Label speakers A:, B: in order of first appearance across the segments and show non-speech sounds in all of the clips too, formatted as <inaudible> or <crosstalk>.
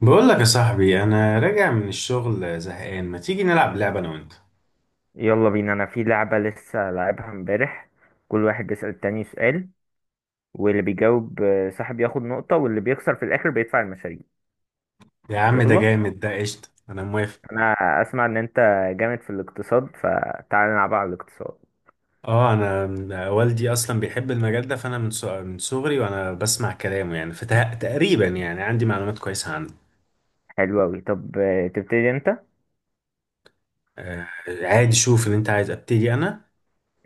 A: بقول لك يا صاحبي، انا راجع من الشغل زهقان، ما تيجي نلعب لعبه انا وانت؟
B: يلا بينا. انا في لعبة لسه لعبها امبارح. كل واحد بيسأل التاني سؤال، واللي بيجاوب صاحب ياخد نقطة، واللي بيخسر في الاخر بيدفع المشاريع.
A: يا عم ده
B: يلا.
A: جامد، ده قشطه، انا موافق.
B: انا اسمع انت جامد في الاقتصاد، فتعال نلعب على الاقتصاد.
A: اه انا والدي اصلا بيحب المجال ده، فانا من صغري وانا بسمع كلامه يعني، فتقريبا يعني عندي معلومات كويسه عنه.
B: حلو اوي. طب تبتدي انت؟
A: آه، عادي، شوف ان انت عايز ابتدي انا.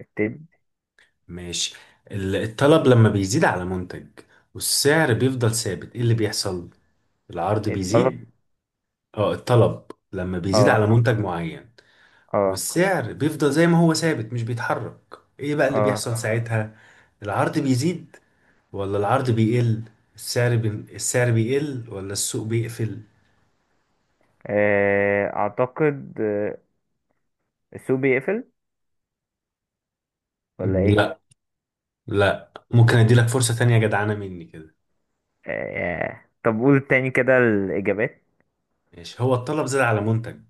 B: ابتدي
A: ماشي. الطلب لما بيزيد على منتج والسعر بيفضل ثابت، ايه اللي بيحصل؟ العرض
B: الطلب.
A: بيزيد؟ اه، الطلب لما بيزيد
B: اه.
A: على منتج معين،
B: اه.
A: والسعر بيفضل زي ما هو ثابت مش بيتحرك، ايه بقى اللي
B: اه.
A: بيحصل ساعتها؟ العرض بيزيد ولا العرض بيقل؟ السعر بيقل ولا السوق بيقفل؟
B: اعتقد السوق بيقفل، ولا
A: مم،
B: ايه؟
A: لا. لا، ممكن اديلك فرصة تانية جدعانة مني كده.
B: طب قول تاني كده الاجابات.
A: ماشي، هو الطلب زاد على منتج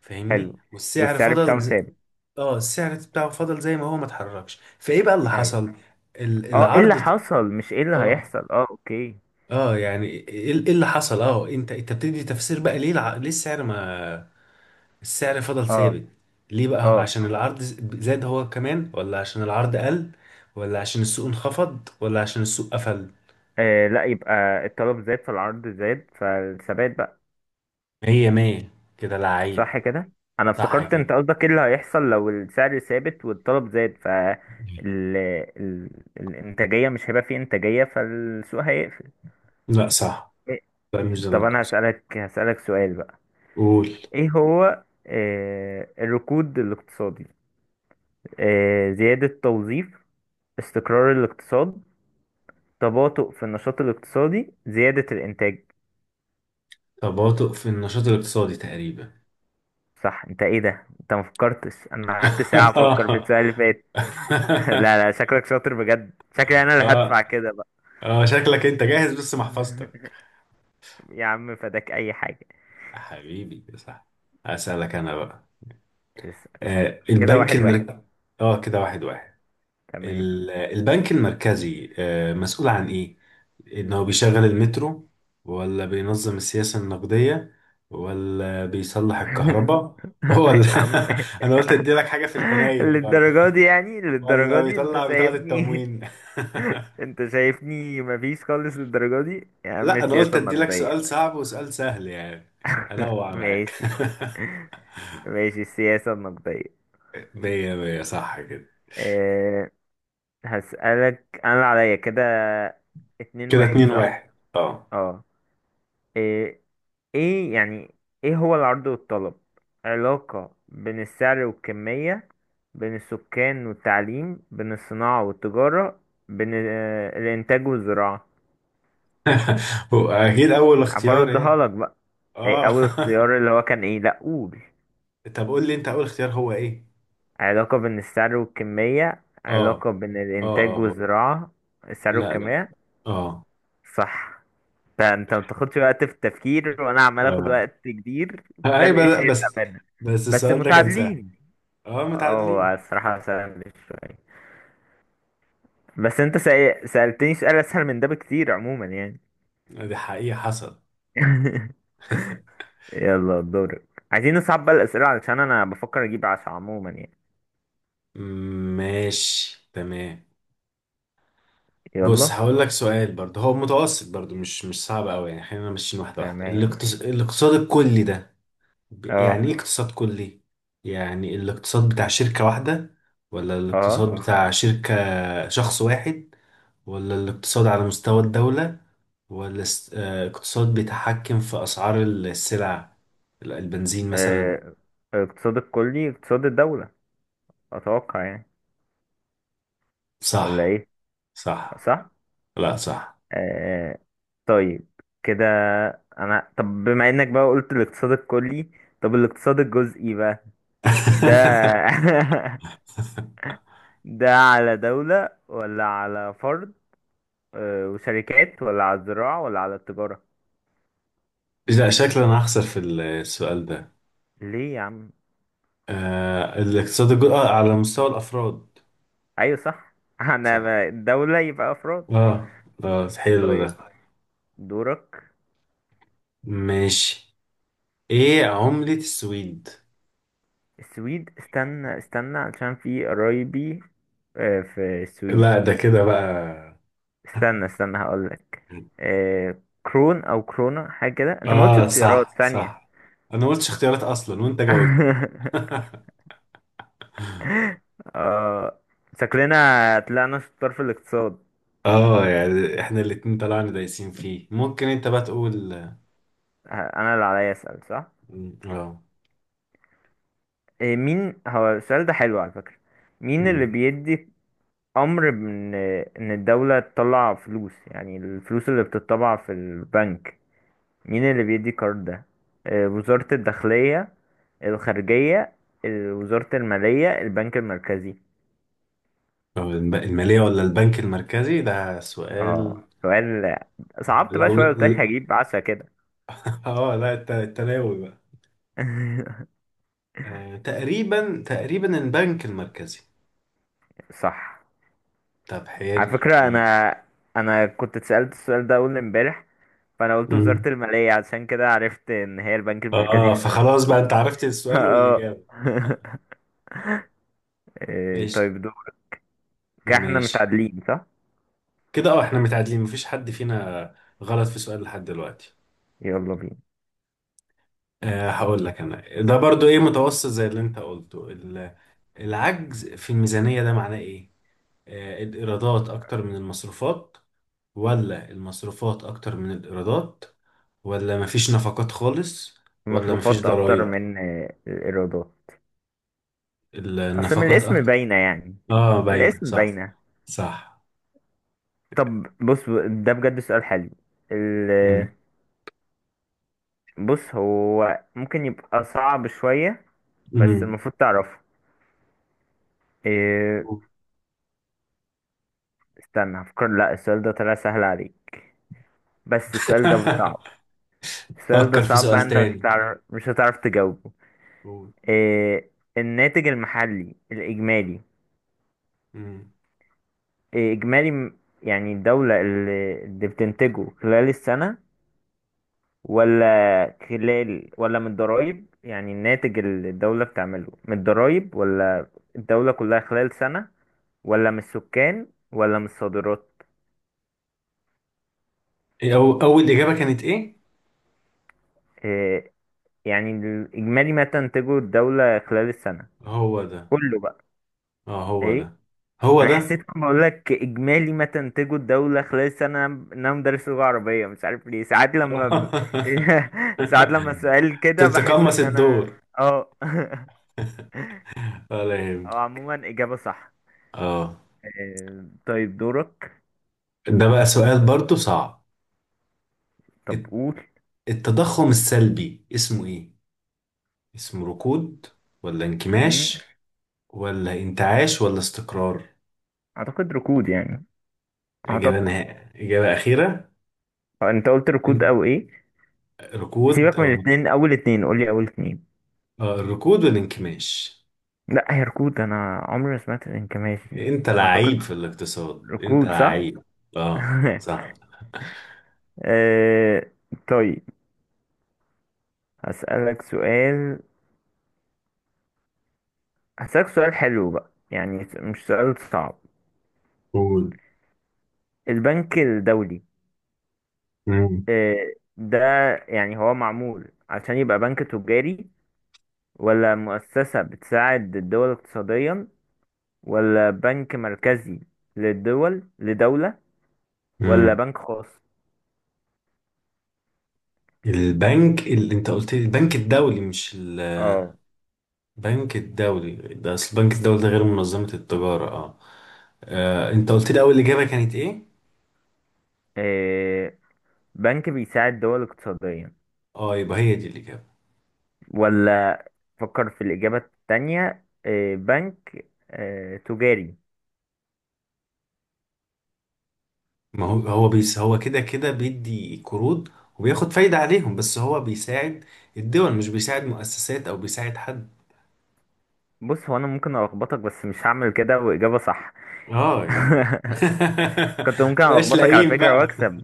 A: فاهمني،
B: حلو.
A: والسعر
B: والسعر
A: فضل
B: بتاعه
A: زي...
B: ثابت.
A: اه، السعر بتاعه فضل زي ما هو، ما اتحركش، فايه بقى اللي
B: حلو.
A: حصل؟
B: اه، ايه اللي
A: العرض.
B: حصل؟ مش ايه اللي
A: اه
B: هيحصل. اه، اوكي.
A: اه يعني ايه إيه اللي حصل، انت بتدي تفسير بقى. ليه السعر ما، السعر فضل
B: اه.
A: ثابت ليه بقى؟
B: اه.
A: عشان العرض زاد هو كمان، ولا عشان العرض قل، ولا عشان السوق انخفض، ولا عشان السوق قفل؟
B: لا، يبقى الطلب زاد فالعرض زاد فالثبات بقى.
A: مية مية، كده لعيب.
B: صح كده. انا
A: صح
B: افتكرت
A: كده.
B: انت قصدك ايه اللي هيحصل لو السعر ثابت والطلب زاد، ف ال... ال... الانتاجية مش هيبقى فيه انتاجية فالسوق هيقفل.
A: لا، صح. لا، مش ده
B: طب انا
A: المقصود.
B: هسألك سؤال بقى.
A: قول.
B: ايه هو الركود الاقتصادي؟ زيادة توظيف؟ استقرار الاقتصاد؟ تباطؤ في النشاط الاقتصادي؟ زيادة الإنتاج؟
A: تباطؤ في النشاط الاقتصادي تقريبا.
B: صح. انت ايه ده؟ انت ما فكرتش؟ انا قعدت ساعة
A: <laughs>
B: افكر في
A: اه.
B: السؤال اللي فات. <laughs> لا لا، شكلك شاطر بجد، شكلي انا اللي هدفع
A: اه
B: كده بقى.
A: اه شكلك انت جاهز، بس محفظتك.
B: <laughs> يا عم فداك اي حاجة.
A: حبيبي، صح. اسالك انا بقى.
B: اسأل. كده
A: البنك
B: واحد واحد.
A: المركزي. اه، كده واحد واحد.
B: تمام.
A: البنك المركزي مسؤول عن ايه؟ انه بيشغل المترو، ولا بينظم السياسة النقدية، ولا بيصلح الكهرباء،
B: <laughs>
A: ولا
B: يا عم
A: <laughs> انا قلت ادي لك حاجة في الحنين برضه،
B: للدرجة
A: <laughs>
B: دي؟ يعني للدرجة
A: ولا
B: دي انت
A: بيطلع بطاقة
B: شايفني؟
A: التموين؟
B: <laughs> انت شايفني مفيش خالص للدرجة دي يا
A: <laughs>
B: عم؟
A: لا، انا قلت
B: السياسة
A: ادي لك سؤال
B: النقدية.
A: صعب وسؤال سهل يعني، انوع معاك.
B: ماشي،
A: <laughs>
B: ماشي. السياسة النقدية.
A: مية مية، صح كده.
B: أه. هسألك أنا اللي عليا كده. اتنين
A: كده
B: واحد
A: اتنين
B: صح؟
A: واحد، اه.
B: اه. ايه. ايه يعني ايه هو العرض والطلب؟ علاقة بين السعر والكمية؟ بين السكان والتعليم؟ بين الصناعة والتجارة؟ بين الإنتاج والزراعة؟
A: <laughs> هو اكيد اول اختيار
B: هبردها
A: يعني.
B: لك بقى. ايه
A: اه.
B: أول اختيار اللي هو كان ايه؟ لأ قول.
A: <laughs> طب قول لي انت، اول اختيار هو ايه.
B: علاقة بين السعر والكمية،
A: اه
B: علاقة بين الإنتاج
A: اه هو.
B: والزراعة. السعر
A: لا، لا.
B: والكمية.
A: اه
B: صح. فانت ما بتاخدش وقت في التفكير، وانا عمال اخد
A: اه.
B: وقت كبير. فرق
A: ايوه، بس
B: شاسع
A: بس
B: بينا.
A: بس
B: بس
A: السؤال ده كان سهل.
B: متعادلين.
A: اه،
B: اه، هو
A: متعادلين.
B: الصراحة سهل شوية. بس انت سألتني سؤال اسهل من ده بكتير عموما يعني.
A: آه، دي حقيقة حصل.
B: <laughs> يلا دورك. عايزين نصعب بقى الاسئلة علشان انا بفكر اجيب عشرة عموما يعني.
A: ماشي، تمام. بص،
B: يلا.
A: هقول لك سؤال برضه هو متوسط برضه، مش صعب قوي يعني، خلينا ماشيين واحدة واحدة.
B: تمام.
A: الاقتصاد الكلي ده، يعني
B: اه.
A: ايه اقتصاد كلي؟ يعني الاقتصاد بتاع شركة واحدة، ولا
B: اه.
A: الاقتصاد بتاع شركة شخص واحد، ولا الاقتصاد على مستوى الدولة، والاقتصاد بيتحكم في أسعار السلع البنزين مثلا؟
B: آه، اقتصاد الكلي اقتصاد الدولة، اتوقع يعني. ولا
A: صح،
B: ايه؟
A: صح.
B: صح.
A: لا، صح.
B: آه. طيب. كده. انا طب بما انك بقى قلت الاقتصاد الكلي، طب الاقتصاد الجزئي بقى؟ ده
A: <laughs>
B: <laughs> ده على دولة ولا على فرد وشركات، ولا على الزراعة، ولا على التجارة؟
A: لا، شكلا أنا هخسر في السؤال ده.
B: ليه يا عم؟
A: آه، على مستوى الأفراد.
B: ايوه صح. <laughs> انا
A: صح.
B: ما- الدولة يبقى افراد.
A: اه، اه، حلو ده.
B: طيب. دورك.
A: ماشي. ايه عملة السويد؟
B: السويد، استنى استنى علشان في قرايبي في السويد.
A: لا، ده كده بقى.
B: استنى استنى هقولك. إيه كرون او كرونا حاجه كده. انت ما قلتش
A: اه،
B: اختيارات
A: صح،
B: ثانيه.
A: صح. انا ما قلتش اختيارات اصلا وانت جاوبت.
B: <laughs> اه. شكلنا طلعنا شطار في الاقتصاد.
A: اه يعني، احنا الاتنين طلعنا دايسين فيه. ممكن انت بقى تقول.
B: ه- انا اللي عليا اسال صح.
A: مم، اه.
B: إيه، مين هو؟ السؤال ده حلو على فكره. مين
A: مم.
B: اللي بيدي امر ان الدوله تطلع فلوس؟ يعني الفلوس اللي بتطبع في البنك مين اللي بيدي القرار ده؟ إيه، وزاره الداخليه؟ الخارجيه؟ وزاره الماليه؟ البنك المركزي؟
A: آه، المالية ولا البنك المركزي؟ ده
B: اه
A: سؤال.
B: سؤال. صعبت بقى
A: لو
B: شوية، قلت لك
A: <laughs>
B: هجيب عشرة كده.
A: اه. لا، التناوي بقى.
B: <laughs>
A: تقريبا، تقريبا البنك المركزي.
B: صح.
A: طب،
B: على
A: حلو.
B: فكرة
A: ماشي.
B: أنا، أنا كنت اتسألت السؤال ده أول امبارح، فأنا قلت
A: مم.
B: وزارة المالية، عشان كده عرفت إن هي البنك المركزي
A: اه،
B: في سنة
A: فخلاص بقى،
B: الفلات.
A: انت عرفت
B: <laughs>
A: السؤال
B: اه.
A: والإجابة.
B: <laughs> إيه،
A: ماشي،
B: طيب دول. كده احنا
A: ماشي.
B: متعادلين صح؟
A: كده اه، احنا متعادلين، مفيش حد فينا غلط في سؤال لحد دلوقتي.
B: يلا بينا.
A: هقول لك انا ده برضو ايه، متوسط زي اللي انت قلته. العجز في الميزانية، ده معناه ايه؟ الايرادات اكتر من المصروفات، ولا المصروفات اكتر من الايرادات، ولا مفيش نفقات خالص، ولا مفيش
B: المصروفات أكتر
A: ضرائب؟
B: من الإيرادات. أصل من
A: النفقات
B: الاسم
A: اكتر.
B: باينة يعني.
A: اه، باين،
B: الاسم
A: صح.
B: باينة.
A: صح.
B: طب بص، ده بجد سؤال حلو.
A: مم.
B: بص، هو ممكن يبقى صعب شوية بس
A: مم.
B: المفروض تعرفه. إيه، استنى هفكر. لا السؤال ده طلع سهل عليك. بس السؤال ده صعب.
A: <laughs>
B: السؤال ده
A: فكر في
B: صعب
A: سؤال
B: بقى، انت مش
A: تاني.
B: هتعرف، مش هتعرف تجاوبه.
A: قول.
B: إيه، الناتج المحلي الإجمالي.
A: مم.
B: إيه، إجمالي يعني الدولة اللي بتنتجه خلال السنة، ولا خلال ولا من الضرايب؟ يعني الناتج اللي الدولة بتعمله من الضرايب، ولا الدولة كلها خلال سنة، ولا من السكان، ولا من الصادرات؟
A: إيه أو أول إجابة كانت إيه؟
B: إيه يعني الإجمالي ما تنتجه الدولة خلال السنة
A: هو ده.
B: كله بقى.
A: اه، هو ده.
B: إيه.
A: هو
B: أنا حسيت
A: ده.
B: لما بقول لك إجمالي ما تنتجه الدولة خلال السنة إن أنا مدرس لغة عربية، مش عارف ليه ساعات لما
A: <laughs>
B: <laughs> ساعات لما السؤال كده بحس
A: تتقمص
B: إن أنا.
A: الدور.
B: اه. <laughs>
A: ولا يهمك.
B: أو عموما إجابة صح.
A: اه.
B: إيه، طيب دورك.
A: ده بقى سؤال برضو صعب.
B: طب
A: الت-
B: قول.
A: التضخم السلبي اسمه ايه؟ اسمه ركود، ولا
B: مم.
A: انكماش، ولا انتعاش، ولا استقرار؟
B: اعتقد ركود يعني.
A: اجابة
B: اعتقد.
A: نهائية، اجابة اخيرة.
B: انت قلت ركود
A: ان-
B: او ايه؟
A: ركود
B: سيبك من
A: او،
B: الاثنين، اول اتنين قول لي اول اتنين.
A: اه، الركود والانكماش.
B: لا هي ركود، انا عمري ما سمعت الانكماش دي.
A: انت لعيب
B: اعتقد.
A: في الاقتصاد، انت
B: ركود صح.
A: لعيب. اه.
B: <laughs>
A: صح.
B: آه، طيب، هسألك سؤال، هسألك سؤال حلو بقى يعني. مش سؤال صعب.
A: قول.
B: البنك الدولي
A: مم.
B: ده، يعني هو معمول عشان يبقى بنك تجاري، ولا مؤسسة بتساعد الدول اقتصاديا، ولا بنك مركزي للدول لدولة، ولا
A: مم.
B: بنك خاص؟
A: البنك اللي انت قلت لي، البنك الدولي، مش
B: اه.
A: بنك الدولي ده، اصل البنك الدولي ده غير منظمة التجارة، اه. آه، انت قلت لي اول اجابة كانت ايه؟
B: إيه، بنك بيساعد دول اقتصاديا،
A: اه، يبقى هي دي الاجابة.
B: ولا؟ فكر في الإجابة التانية. إيه، بنك إيه؟ تجاري؟
A: ما هو هو، هو كده كده، بيدي قروض وبياخد فايدة عليهم، بس هو بيساعد الدول، مش بيساعد مؤسسات او بيساعد حد.
B: بص، هو أنا ممكن ألخبطك بس مش هعمل كده، وإجابة صح.
A: اه يعني،
B: كنت
A: <laughs>
B: ممكن
A: متبقاش
B: ألخبطك على
A: لئيم
B: فكرة
A: بقى.
B: وأكسب.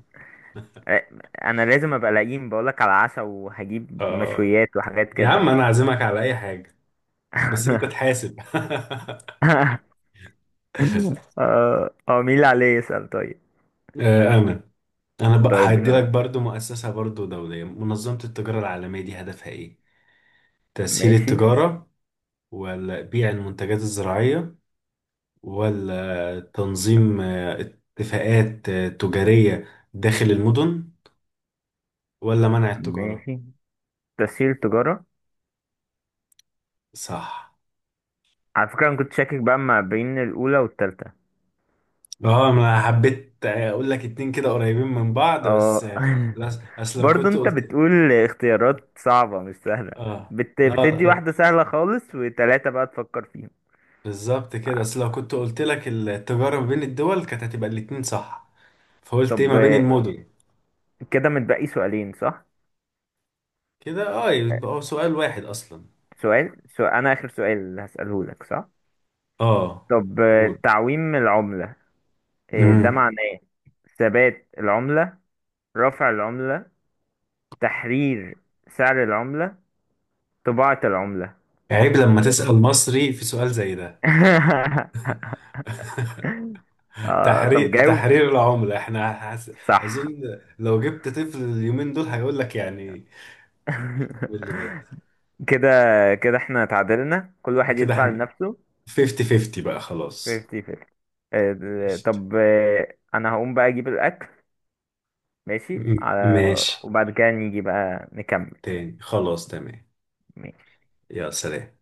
B: إيه، أنا لازم أبقى لئيم، بقولك على عشا وهجيب
A: اه.
B: مشويات وحاجات
A: يا عم،
B: كده.
A: انا عازمك على اي حاجة، بس انت
B: <laughs>
A: تحاسب. <laughs>
B: اه، مين اللي عليه يسأل طيب؟
A: آه، امل. انا بقى
B: طيب
A: هدي لك
B: يلا.
A: برضو مؤسسة برضو دولية، منظمة التجارة العالمية دي هدفها ايه؟ تسهيل
B: ماشي.
A: التجارة، ولا بيع المنتجات الزراعية، ولا تنظيم اتفاقات تجارية داخل المدن، ولا منع التجارة؟
B: ماشي. تسهيل تجارة.
A: صح.
B: على فكرة أنا كنت شاكك بقى ما بين الأولى والتالتة.
A: اه، انا حبيت اقول لك اتنين كده قريبين من بعض بس،
B: اه. <laughs>
A: لا. اصل لو
B: برضه
A: كنت
B: أنت
A: قلت،
B: بتقول اختيارات صعبة مش سهلة.
A: اه، لا،
B: بتدي
A: آه،
B: واحدة سهلة خالص وتلاتة بقى تفكر فيهم.
A: بالظبط كده. اصل لو كنت قلت لك التجارة ما بين الدول كانت هتبقى الاتنين صح، فقلت ايه
B: طب
A: ما بين المدن.
B: كده متبقي سؤالين صح؟
A: كده اه، يبقى هو سؤال واحد اصلا.
B: سؤال, سؤال أنا آخر سؤال اللي هسأله لك صح؟
A: اه.
B: طب
A: قول.
B: تعويم العملة ده
A: امم
B: معناه ثبات العملة، رفع العملة، تحرير سعر العملة، طباعة العملة؟
A: عيب لما تسأل مصري في سؤال زي ده.
B: <laughs> آه طب جاوب.
A: تحرير العملة،
B: صح.
A: اظن. لو جبت طفل اليومين دول هيقول لك يعني إيه اللي
B: <laughs>
A: بيحصل.
B: كده، كده احنا تعادلنا، كل واحد
A: كده
B: يدفع
A: احنا
B: لنفسه.
A: 50 50 بقى، خلاص.
B: 50 50.
A: قشطة.
B: طب انا هقوم بقى اجيب الاكل. ماشي على،
A: ماشي
B: وبعد كده نيجي بقى نكمل.
A: تاني، خلاص، تمام. يا سلام.